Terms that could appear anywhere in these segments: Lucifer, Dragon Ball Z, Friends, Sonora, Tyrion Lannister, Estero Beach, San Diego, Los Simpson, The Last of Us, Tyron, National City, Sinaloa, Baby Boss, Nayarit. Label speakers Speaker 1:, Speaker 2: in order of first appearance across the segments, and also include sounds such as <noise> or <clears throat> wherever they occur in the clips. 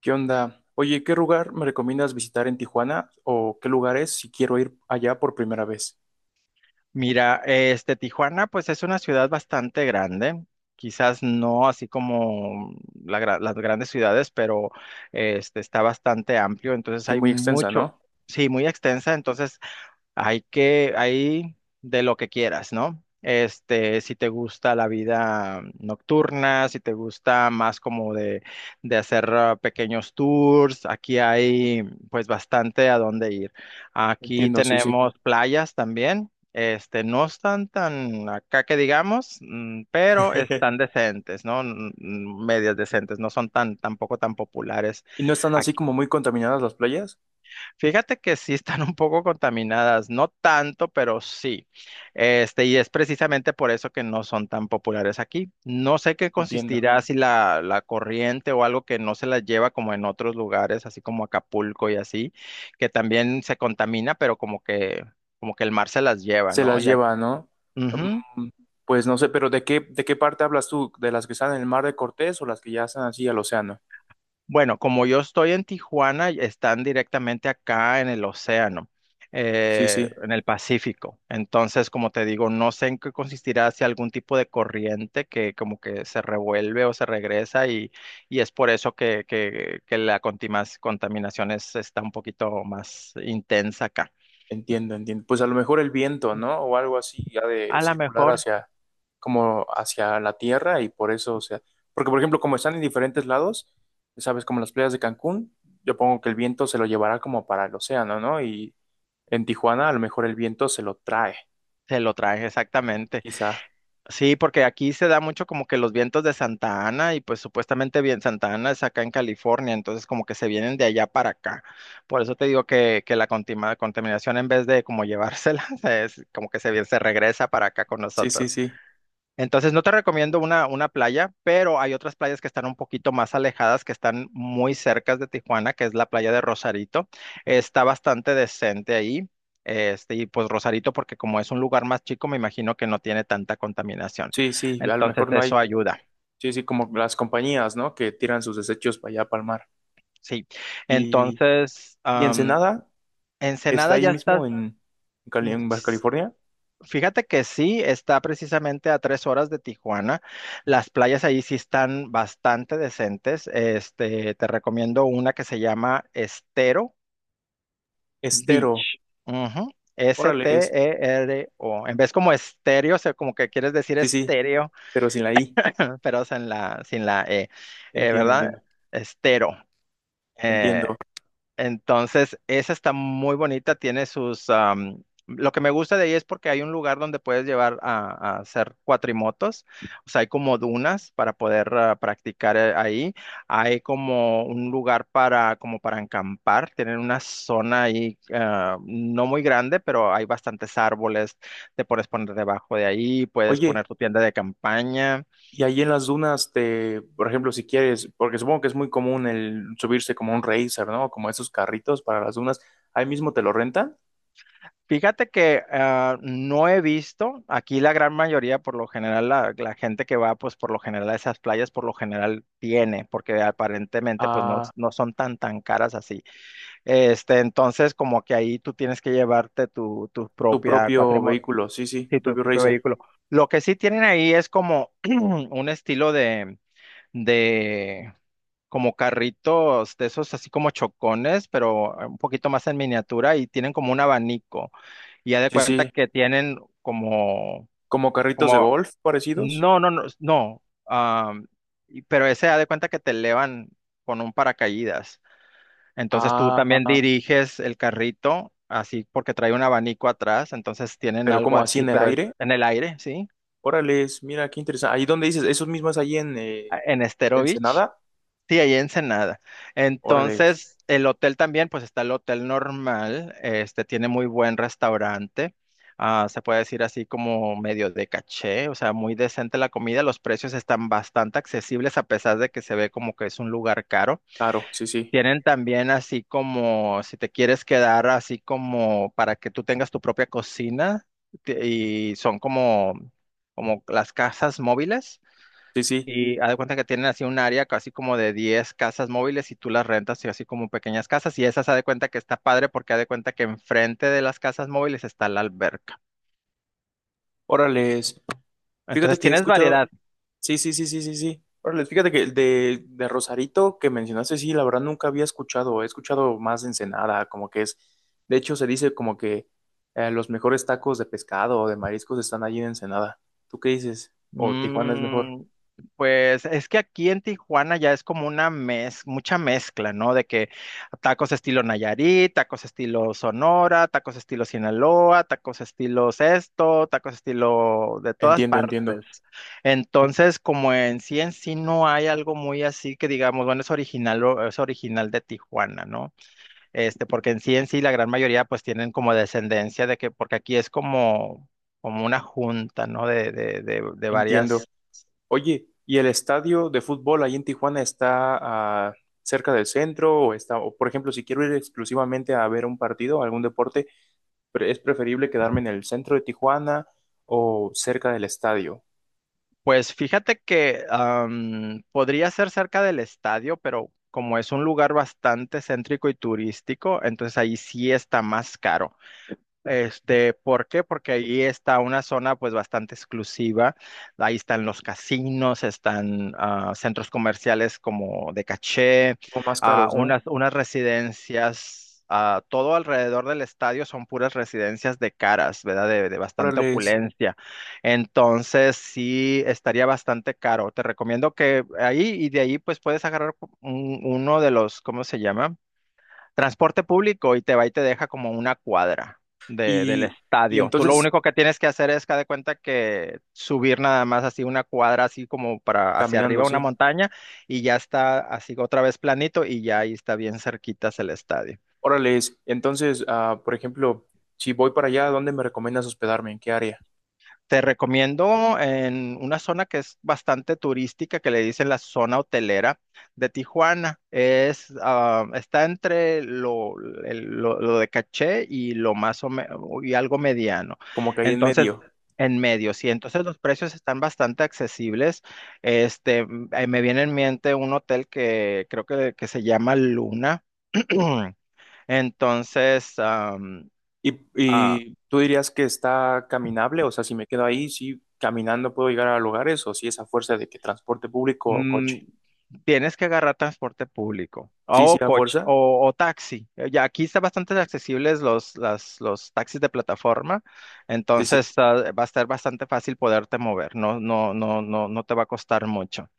Speaker 1: ¿Qué onda? Oye, ¿qué lugar me recomiendas visitar en Tijuana o qué lugares si quiero ir allá por primera vez?
Speaker 2: Mira, Tijuana, pues es una ciudad bastante grande, quizás no así como las grandes ciudades, pero está bastante amplio, entonces
Speaker 1: Sí,
Speaker 2: hay
Speaker 1: muy extensa,
Speaker 2: mucho,
Speaker 1: ¿no?
Speaker 2: sí, muy extensa, entonces hay de lo que quieras, ¿no? Si te gusta la vida nocturna, si te gusta más como de hacer pequeños tours, aquí hay pues bastante a dónde ir. Aquí
Speaker 1: Entiendo, sí, sí.
Speaker 2: tenemos playas también. No están tan acá que digamos, pero
Speaker 1: <laughs>
Speaker 2: están decentes, ¿no? Medias decentes, no son tan, tampoco tan populares.
Speaker 1: ¿Y no están así como muy contaminadas las playas?
Speaker 2: Fíjate que sí están un poco contaminadas, no tanto, pero sí. Y es precisamente por eso que no son tan populares aquí. No sé qué
Speaker 1: Entiendo.
Speaker 2: consistirá si la corriente o algo que no se la lleva como en otros lugares, así como Acapulco y así, que también se contamina, pero como que el mar se las lleva,
Speaker 1: Se
Speaker 2: ¿no?
Speaker 1: las
Speaker 2: Ya,
Speaker 1: lleva, ¿no? Mm, pues no sé, pero ¿de qué parte hablas tú? ¿De las que están en el mar de Cortés o las que ya están así al océano?
Speaker 2: bueno, como yo estoy en Tijuana, están directamente acá en el océano,
Speaker 1: Sí, sí.
Speaker 2: en el Pacífico. Entonces, como te digo, no sé en qué consistirá si algún tipo de corriente que como que se revuelve o se regresa y es por eso que la contaminación está un poquito más intensa acá.
Speaker 1: Entiendo, entiendo. Pues a lo mejor el viento, ¿no? O algo así, ya de
Speaker 2: A lo
Speaker 1: circular
Speaker 2: mejor
Speaker 1: hacia, como hacia la tierra y por eso, o sea, porque por ejemplo, como están en diferentes lados, sabes, como las playas de Cancún, yo pongo que el viento se lo llevará como para el océano, ¿no? Y en Tijuana a lo mejor el viento se lo trae,
Speaker 2: se lo traen exactamente.
Speaker 1: quizá.
Speaker 2: Sí, porque aquí se da mucho como que los vientos de Santa Ana y pues supuestamente bien Santa Ana es acá en California, entonces como que se vienen de allá para acá. Por eso te digo que la contaminación en vez de como llevársela, <laughs> es como que se, se regresa para acá con
Speaker 1: Sí,
Speaker 2: nosotros.
Speaker 1: sí, sí.
Speaker 2: Entonces, no te recomiendo una playa, pero hay otras playas que están un poquito más alejadas, que están muy cercas de Tijuana, que es la playa de Rosarito. Está bastante decente ahí. Y pues Rosarito, porque como es un lugar más chico, me imagino que no tiene tanta contaminación.
Speaker 1: Sí, sí, a lo
Speaker 2: Entonces,
Speaker 1: mejor no
Speaker 2: eso
Speaker 1: hay,
Speaker 2: ayuda.
Speaker 1: sí, sí, como las compañías, ¿no? Que tiran sus desechos para allá, para el mar.
Speaker 2: Sí.
Speaker 1: Y,
Speaker 2: Entonces,
Speaker 1: y
Speaker 2: am,
Speaker 1: Ensenada está
Speaker 2: Ensenada
Speaker 1: ahí
Speaker 2: ya
Speaker 1: mismo en en Baja
Speaker 2: estás.
Speaker 1: California.
Speaker 2: Fíjate que sí, está precisamente a 3 horas de Tijuana. Las playas ahí sí están bastante decentes. Te recomiendo una que se llama Estero
Speaker 1: Estero,
Speaker 2: Beach. Ujú,
Speaker 1: órale.
Speaker 2: S-T-E-R-O. En vez como estéreo, o sea, como que quieres decir
Speaker 1: Sí, sí,
Speaker 2: estéreo,
Speaker 1: pero sin la I.
Speaker 2: <laughs> pero sin la E, eh,
Speaker 1: Entiendo,
Speaker 2: ¿verdad?
Speaker 1: entiendo,
Speaker 2: Estero. eh,
Speaker 1: entiendo.
Speaker 2: Entonces, esa está muy bonita, tiene sus lo que me gusta de ahí es porque hay un lugar donde puedes llevar a hacer cuatrimotos, o sea, hay como dunas para poder practicar ahí, hay como un lugar como para acampar, tienen una zona ahí no muy grande, pero hay bastantes árboles, te puedes poner debajo de ahí, puedes
Speaker 1: Oye,
Speaker 2: poner tu tienda de campaña.
Speaker 1: y ahí en las dunas, te, por ejemplo, si quieres, porque supongo que es muy común el subirse como un racer, ¿no? Como esos carritos para las dunas, ahí mismo te lo rentan
Speaker 2: Fíjate que no he visto, aquí la gran mayoría, por lo general, la gente que va, pues por lo general a esas playas, por lo general tiene, porque aparentemente pues no,
Speaker 1: a
Speaker 2: no son tan caras así. Entonces como que ahí tú tienes que llevarte tu
Speaker 1: tu
Speaker 2: propia
Speaker 1: propio
Speaker 2: cuatrimoto,
Speaker 1: vehículo, sí, sí,
Speaker 2: sí,
Speaker 1: tu
Speaker 2: tu
Speaker 1: propio
Speaker 2: propio
Speaker 1: racer.
Speaker 2: vehículo. Lo que sí tienen ahí es como <clears throat> un estilo de, como carritos de esos así como chocones, pero un poquito más en miniatura y tienen como un abanico y ya de
Speaker 1: Sí,
Speaker 2: cuenta
Speaker 1: sí,
Speaker 2: que tienen como,
Speaker 1: como carritos de
Speaker 2: como,
Speaker 1: golf parecidos.
Speaker 2: no, no, no, no, am, pero ese ha de cuenta que te elevan con un paracaídas. Entonces tú
Speaker 1: Ah,
Speaker 2: también diriges el carrito, así porque trae un abanico atrás, entonces tienen
Speaker 1: pero
Speaker 2: algo
Speaker 1: como así
Speaker 2: así,
Speaker 1: en el
Speaker 2: pero es
Speaker 1: aire.
Speaker 2: en el aire, ¿sí?
Speaker 1: Órale, mira qué interesante. Ahí donde dices, esos mismos ahí en
Speaker 2: En Estero Beach.
Speaker 1: Ensenada.
Speaker 2: Sí, ahí en Ensenada.
Speaker 1: Órale,
Speaker 2: Entonces, el hotel también, pues está el hotel normal, este tiene muy buen restaurante, se puede decir así como medio de caché, o sea, muy decente la comida, los precios están bastante accesibles a pesar de que se ve como que es un lugar caro.
Speaker 1: claro, sí, sí,
Speaker 2: Tienen también así como, si te quieres quedar así como para que tú tengas tu propia cocina y son como, como las casas móviles.
Speaker 1: sí, sí.
Speaker 2: Y haz de cuenta que tienen así un área casi como de 10 casas móviles y tú las rentas y así como pequeñas casas. Y esas haz de cuenta que está padre porque haz de cuenta que enfrente de las casas móviles está la alberca.
Speaker 1: Órale, fíjate
Speaker 2: Entonces
Speaker 1: que he
Speaker 2: tienes
Speaker 1: escuchado.
Speaker 2: variedad.
Speaker 1: Sí, sí, sí, sí, sí, sí. Órale, fíjate que de Rosarito que mencionaste, sí, la verdad nunca había escuchado, he escuchado más de Ensenada, como que es, de hecho se dice como que los mejores tacos de pescado o de mariscos están allí en Ensenada. ¿Tú qué dices? ¿O Tijuana es mejor?
Speaker 2: Mm, pues es que aquí en Tijuana ya es como mucha mezcla, ¿no? De que tacos estilo Nayarit, tacos estilo Sonora, tacos estilo Sinaloa, tacos estilo esto, tacos estilo de todas
Speaker 1: Entiendo, entiendo,
Speaker 2: partes. Entonces, como en sí no hay algo muy así que digamos, bueno, es original, es original de Tijuana, ¿no? Porque en sí la gran mayoría pues tienen como descendencia de que, porque aquí es como, como una junta, ¿no? De, de
Speaker 1: entiendo.
Speaker 2: varias.
Speaker 1: Oye, ¿y el estadio de fútbol allí en Tijuana está ah, cerca del centro o está, o por ejemplo, si quiero ir exclusivamente a ver un partido, algún deporte, es preferible quedarme en el centro de Tijuana o cerca del estadio.
Speaker 2: Pues fíjate que podría ser cerca del estadio, pero como es un lugar bastante céntrico y turístico, entonces ahí sí está más caro. ¿Por qué? Porque ahí está una zona pues bastante exclusiva. Ahí están los casinos, están centros comerciales como de caché,
Speaker 1: Como más caros, ¿no?
Speaker 2: unas residencias, todo alrededor del estadio son puras residencias de caras, ¿verdad? De bastante
Speaker 1: Órales.
Speaker 2: opulencia. Entonces sí estaría bastante caro. Te recomiendo que ahí, y de ahí pues puedes agarrar uno de los, ¿cómo se llama? Transporte público y te va y te deja como una cuadra del
Speaker 1: Y, y
Speaker 2: estadio. Tú lo
Speaker 1: entonces,
Speaker 2: único que tienes que hacer es que haz de cuenta que subir nada más así una cuadra, así como para hacia arriba
Speaker 1: caminando,
Speaker 2: una
Speaker 1: sí.
Speaker 2: montaña y ya está así otra vez planito y ya ahí está bien cerquitas el estadio.
Speaker 1: Órales. Entonces, ah, por ejemplo, si voy para allá, ¿dónde me recomiendas hospedarme? ¿En qué área?
Speaker 2: Te recomiendo en una zona que es bastante turística, que le dicen la zona hotelera de Tijuana. Es, ah, está entre lo de caché y lo y algo mediano.
Speaker 1: Como que ahí en
Speaker 2: Entonces,
Speaker 1: medio.
Speaker 2: en medio, sí. Entonces los precios están bastante accesibles. Me viene en mente un hotel que creo que se llama Luna. <clears throat> Entonces, am,
Speaker 1: Y tú dirías que está caminable, o sea, si me quedo ahí, sí, caminando puedo llegar a lugares, o si es a fuerza de que transporte público o
Speaker 2: Mm,
Speaker 1: coche.
Speaker 2: tienes que agarrar transporte público
Speaker 1: Sí, sí,
Speaker 2: o
Speaker 1: a
Speaker 2: coche
Speaker 1: fuerza.
Speaker 2: o taxi. Ya aquí están bastante accesibles los taxis de plataforma,
Speaker 1: Sí, sí.
Speaker 2: entonces va a estar bastante fácil poderte mover. No te va a costar mucho.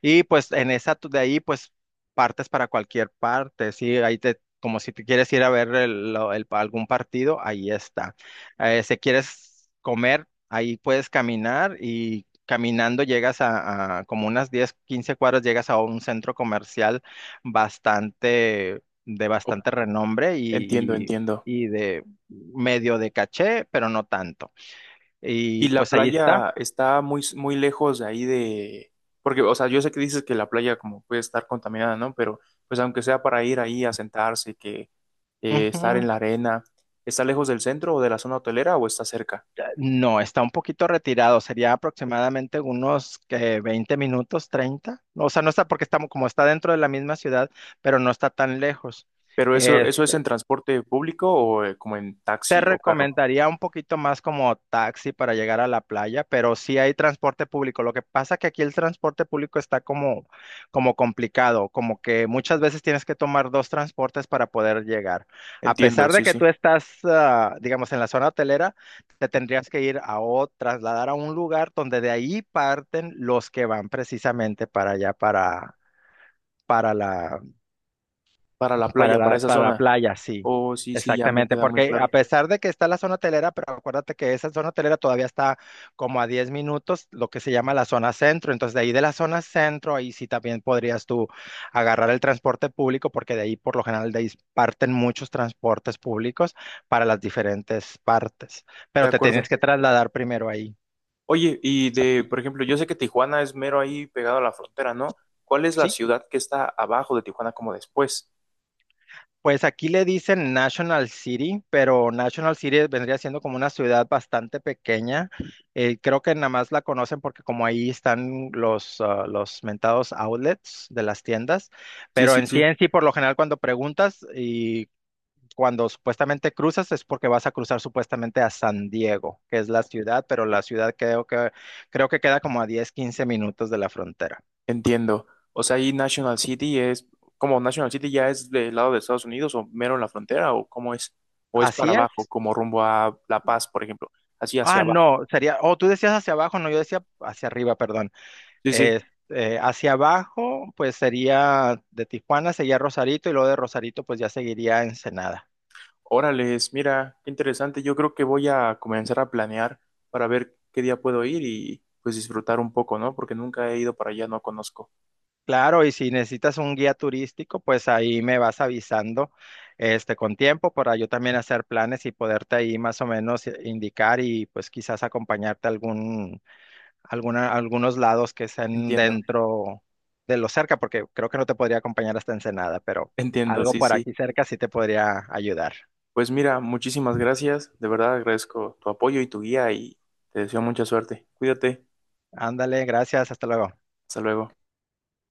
Speaker 2: Y pues en esa de ahí pues partes para cualquier parte, sí, ahí te como si te quieres ir a ver algún partido, ahí está. Si quieres comer, ahí puedes caminar y caminando llegas a como unas 10 15 cuadras llegas a un centro comercial bastante de
Speaker 1: Oh,
Speaker 2: bastante renombre
Speaker 1: entiendo,
Speaker 2: y, y
Speaker 1: entiendo.
Speaker 2: y de medio de caché, pero no tanto. Y
Speaker 1: Y la
Speaker 2: pues ahí está.
Speaker 1: playa está muy, muy lejos de ahí de… Porque, o sea, yo sé que dices que la playa como puede estar contaminada, ¿no? Pero, pues aunque sea para ir ahí a sentarse, que estar en
Speaker 2: Ujú.
Speaker 1: la arena, ¿está lejos del centro o de la zona hotelera o está cerca?
Speaker 2: No, está un poquito retirado, sería aproximadamente unos que 20 minutos, 30. O sea, no está porque estamos como está dentro de la misma ciudad, pero no está tan lejos.
Speaker 1: Pero eso,
Speaker 2: Eh,
Speaker 1: eso es en transporte público o como en
Speaker 2: Te
Speaker 1: taxi o carro.
Speaker 2: recomendaría un poquito más como taxi para llegar a la playa, pero sí hay transporte público. Lo que pasa que aquí el transporte público está como, como complicado, como que muchas veces tienes que tomar dos transportes para poder llegar. A
Speaker 1: Entiendo,
Speaker 2: pesar de
Speaker 1: sí,
Speaker 2: que
Speaker 1: sí.
Speaker 2: tú estás, ah, digamos, en la zona hotelera, te tendrías que ir a o trasladar a un lugar donde de ahí parten los que van precisamente para allá, para la
Speaker 1: Para la playa, para esa
Speaker 2: para la,
Speaker 1: zona.
Speaker 2: playa, sí,
Speaker 1: Oh, sí, sí, ya me
Speaker 2: exactamente,
Speaker 1: queda muy
Speaker 2: porque a
Speaker 1: claro.
Speaker 2: pesar de que está la zona hotelera, pero acuérdate que esa zona hotelera todavía está como a 10 minutos, lo que se llama la zona centro, entonces de ahí de la zona centro, ahí sí también podrías tú agarrar el transporte público, porque de ahí por lo general de ahí parten muchos transportes públicos para las diferentes partes,
Speaker 1: De
Speaker 2: pero te
Speaker 1: acuerdo.
Speaker 2: tienes que trasladar primero ahí,
Speaker 1: Oye, y de, por ejemplo, yo sé que Tijuana es mero ahí pegado a la frontera, ¿no? ¿Cuál es la
Speaker 2: ¿sí?
Speaker 1: ciudad que está abajo de Tijuana como después?
Speaker 2: Pues aquí le dicen National City, pero National City vendría siendo como una ciudad bastante pequeña. Creo que nada más la conocen porque como ahí están los, los mentados outlets de las tiendas,
Speaker 1: Sí,
Speaker 2: pero
Speaker 1: sí, sí,
Speaker 2: en sí, por lo general cuando preguntas y cuando supuestamente cruzas es porque vas a cruzar supuestamente a San Diego, que es la ciudad, pero la ciudad creo que queda como a 10 15 minutos de la frontera.
Speaker 1: entiendo. O sea, ahí National City es, como National City ya es del lado de Estados Unidos o mero en la frontera o cómo es, o es para
Speaker 2: Así
Speaker 1: abajo,
Speaker 2: es.
Speaker 1: como rumbo a La Paz, por ejemplo, así hacia abajo.
Speaker 2: No, sería, oh, tú decías hacia abajo, no, yo decía hacia arriba, perdón.
Speaker 1: Sí, sí.
Speaker 2: Eh, Hacia abajo, pues sería de Tijuana, sería Rosarito y luego de Rosarito, pues ya seguiría Ensenada.
Speaker 1: Órales, mira, qué interesante. Yo creo que voy a comenzar a planear para ver qué día puedo ir y pues disfrutar un poco, ¿no? Porque nunca he ido para allá, no conozco.
Speaker 2: Claro, y si necesitas un guía turístico, pues ahí me vas avisando, este, con tiempo para yo también hacer planes y poderte ahí más o menos indicar y pues quizás acompañarte a algún alguna algunos lados que estén
Speaker 1: Entiendo.
Speaker 2: dentro de lo cerca, porque creo que no te podría acompañar hasta Ensenada, pero
Speaker 1: Entiendo,
Speaker 2: algo
Speaker 1: sí,
Speaker 2: por
Speaker 1: sí.
Speaker 2: aquí cerca sí te podría ayudar.
Speaker 1: Pues mira, muchísimas gracias. De verdad agradezco tu apoyo y tu guía y te deseo mucha suerte. Cuídate.
Speaker 2: Ándale, gracias, hasta luego.
Speaker 1: Hasta luego.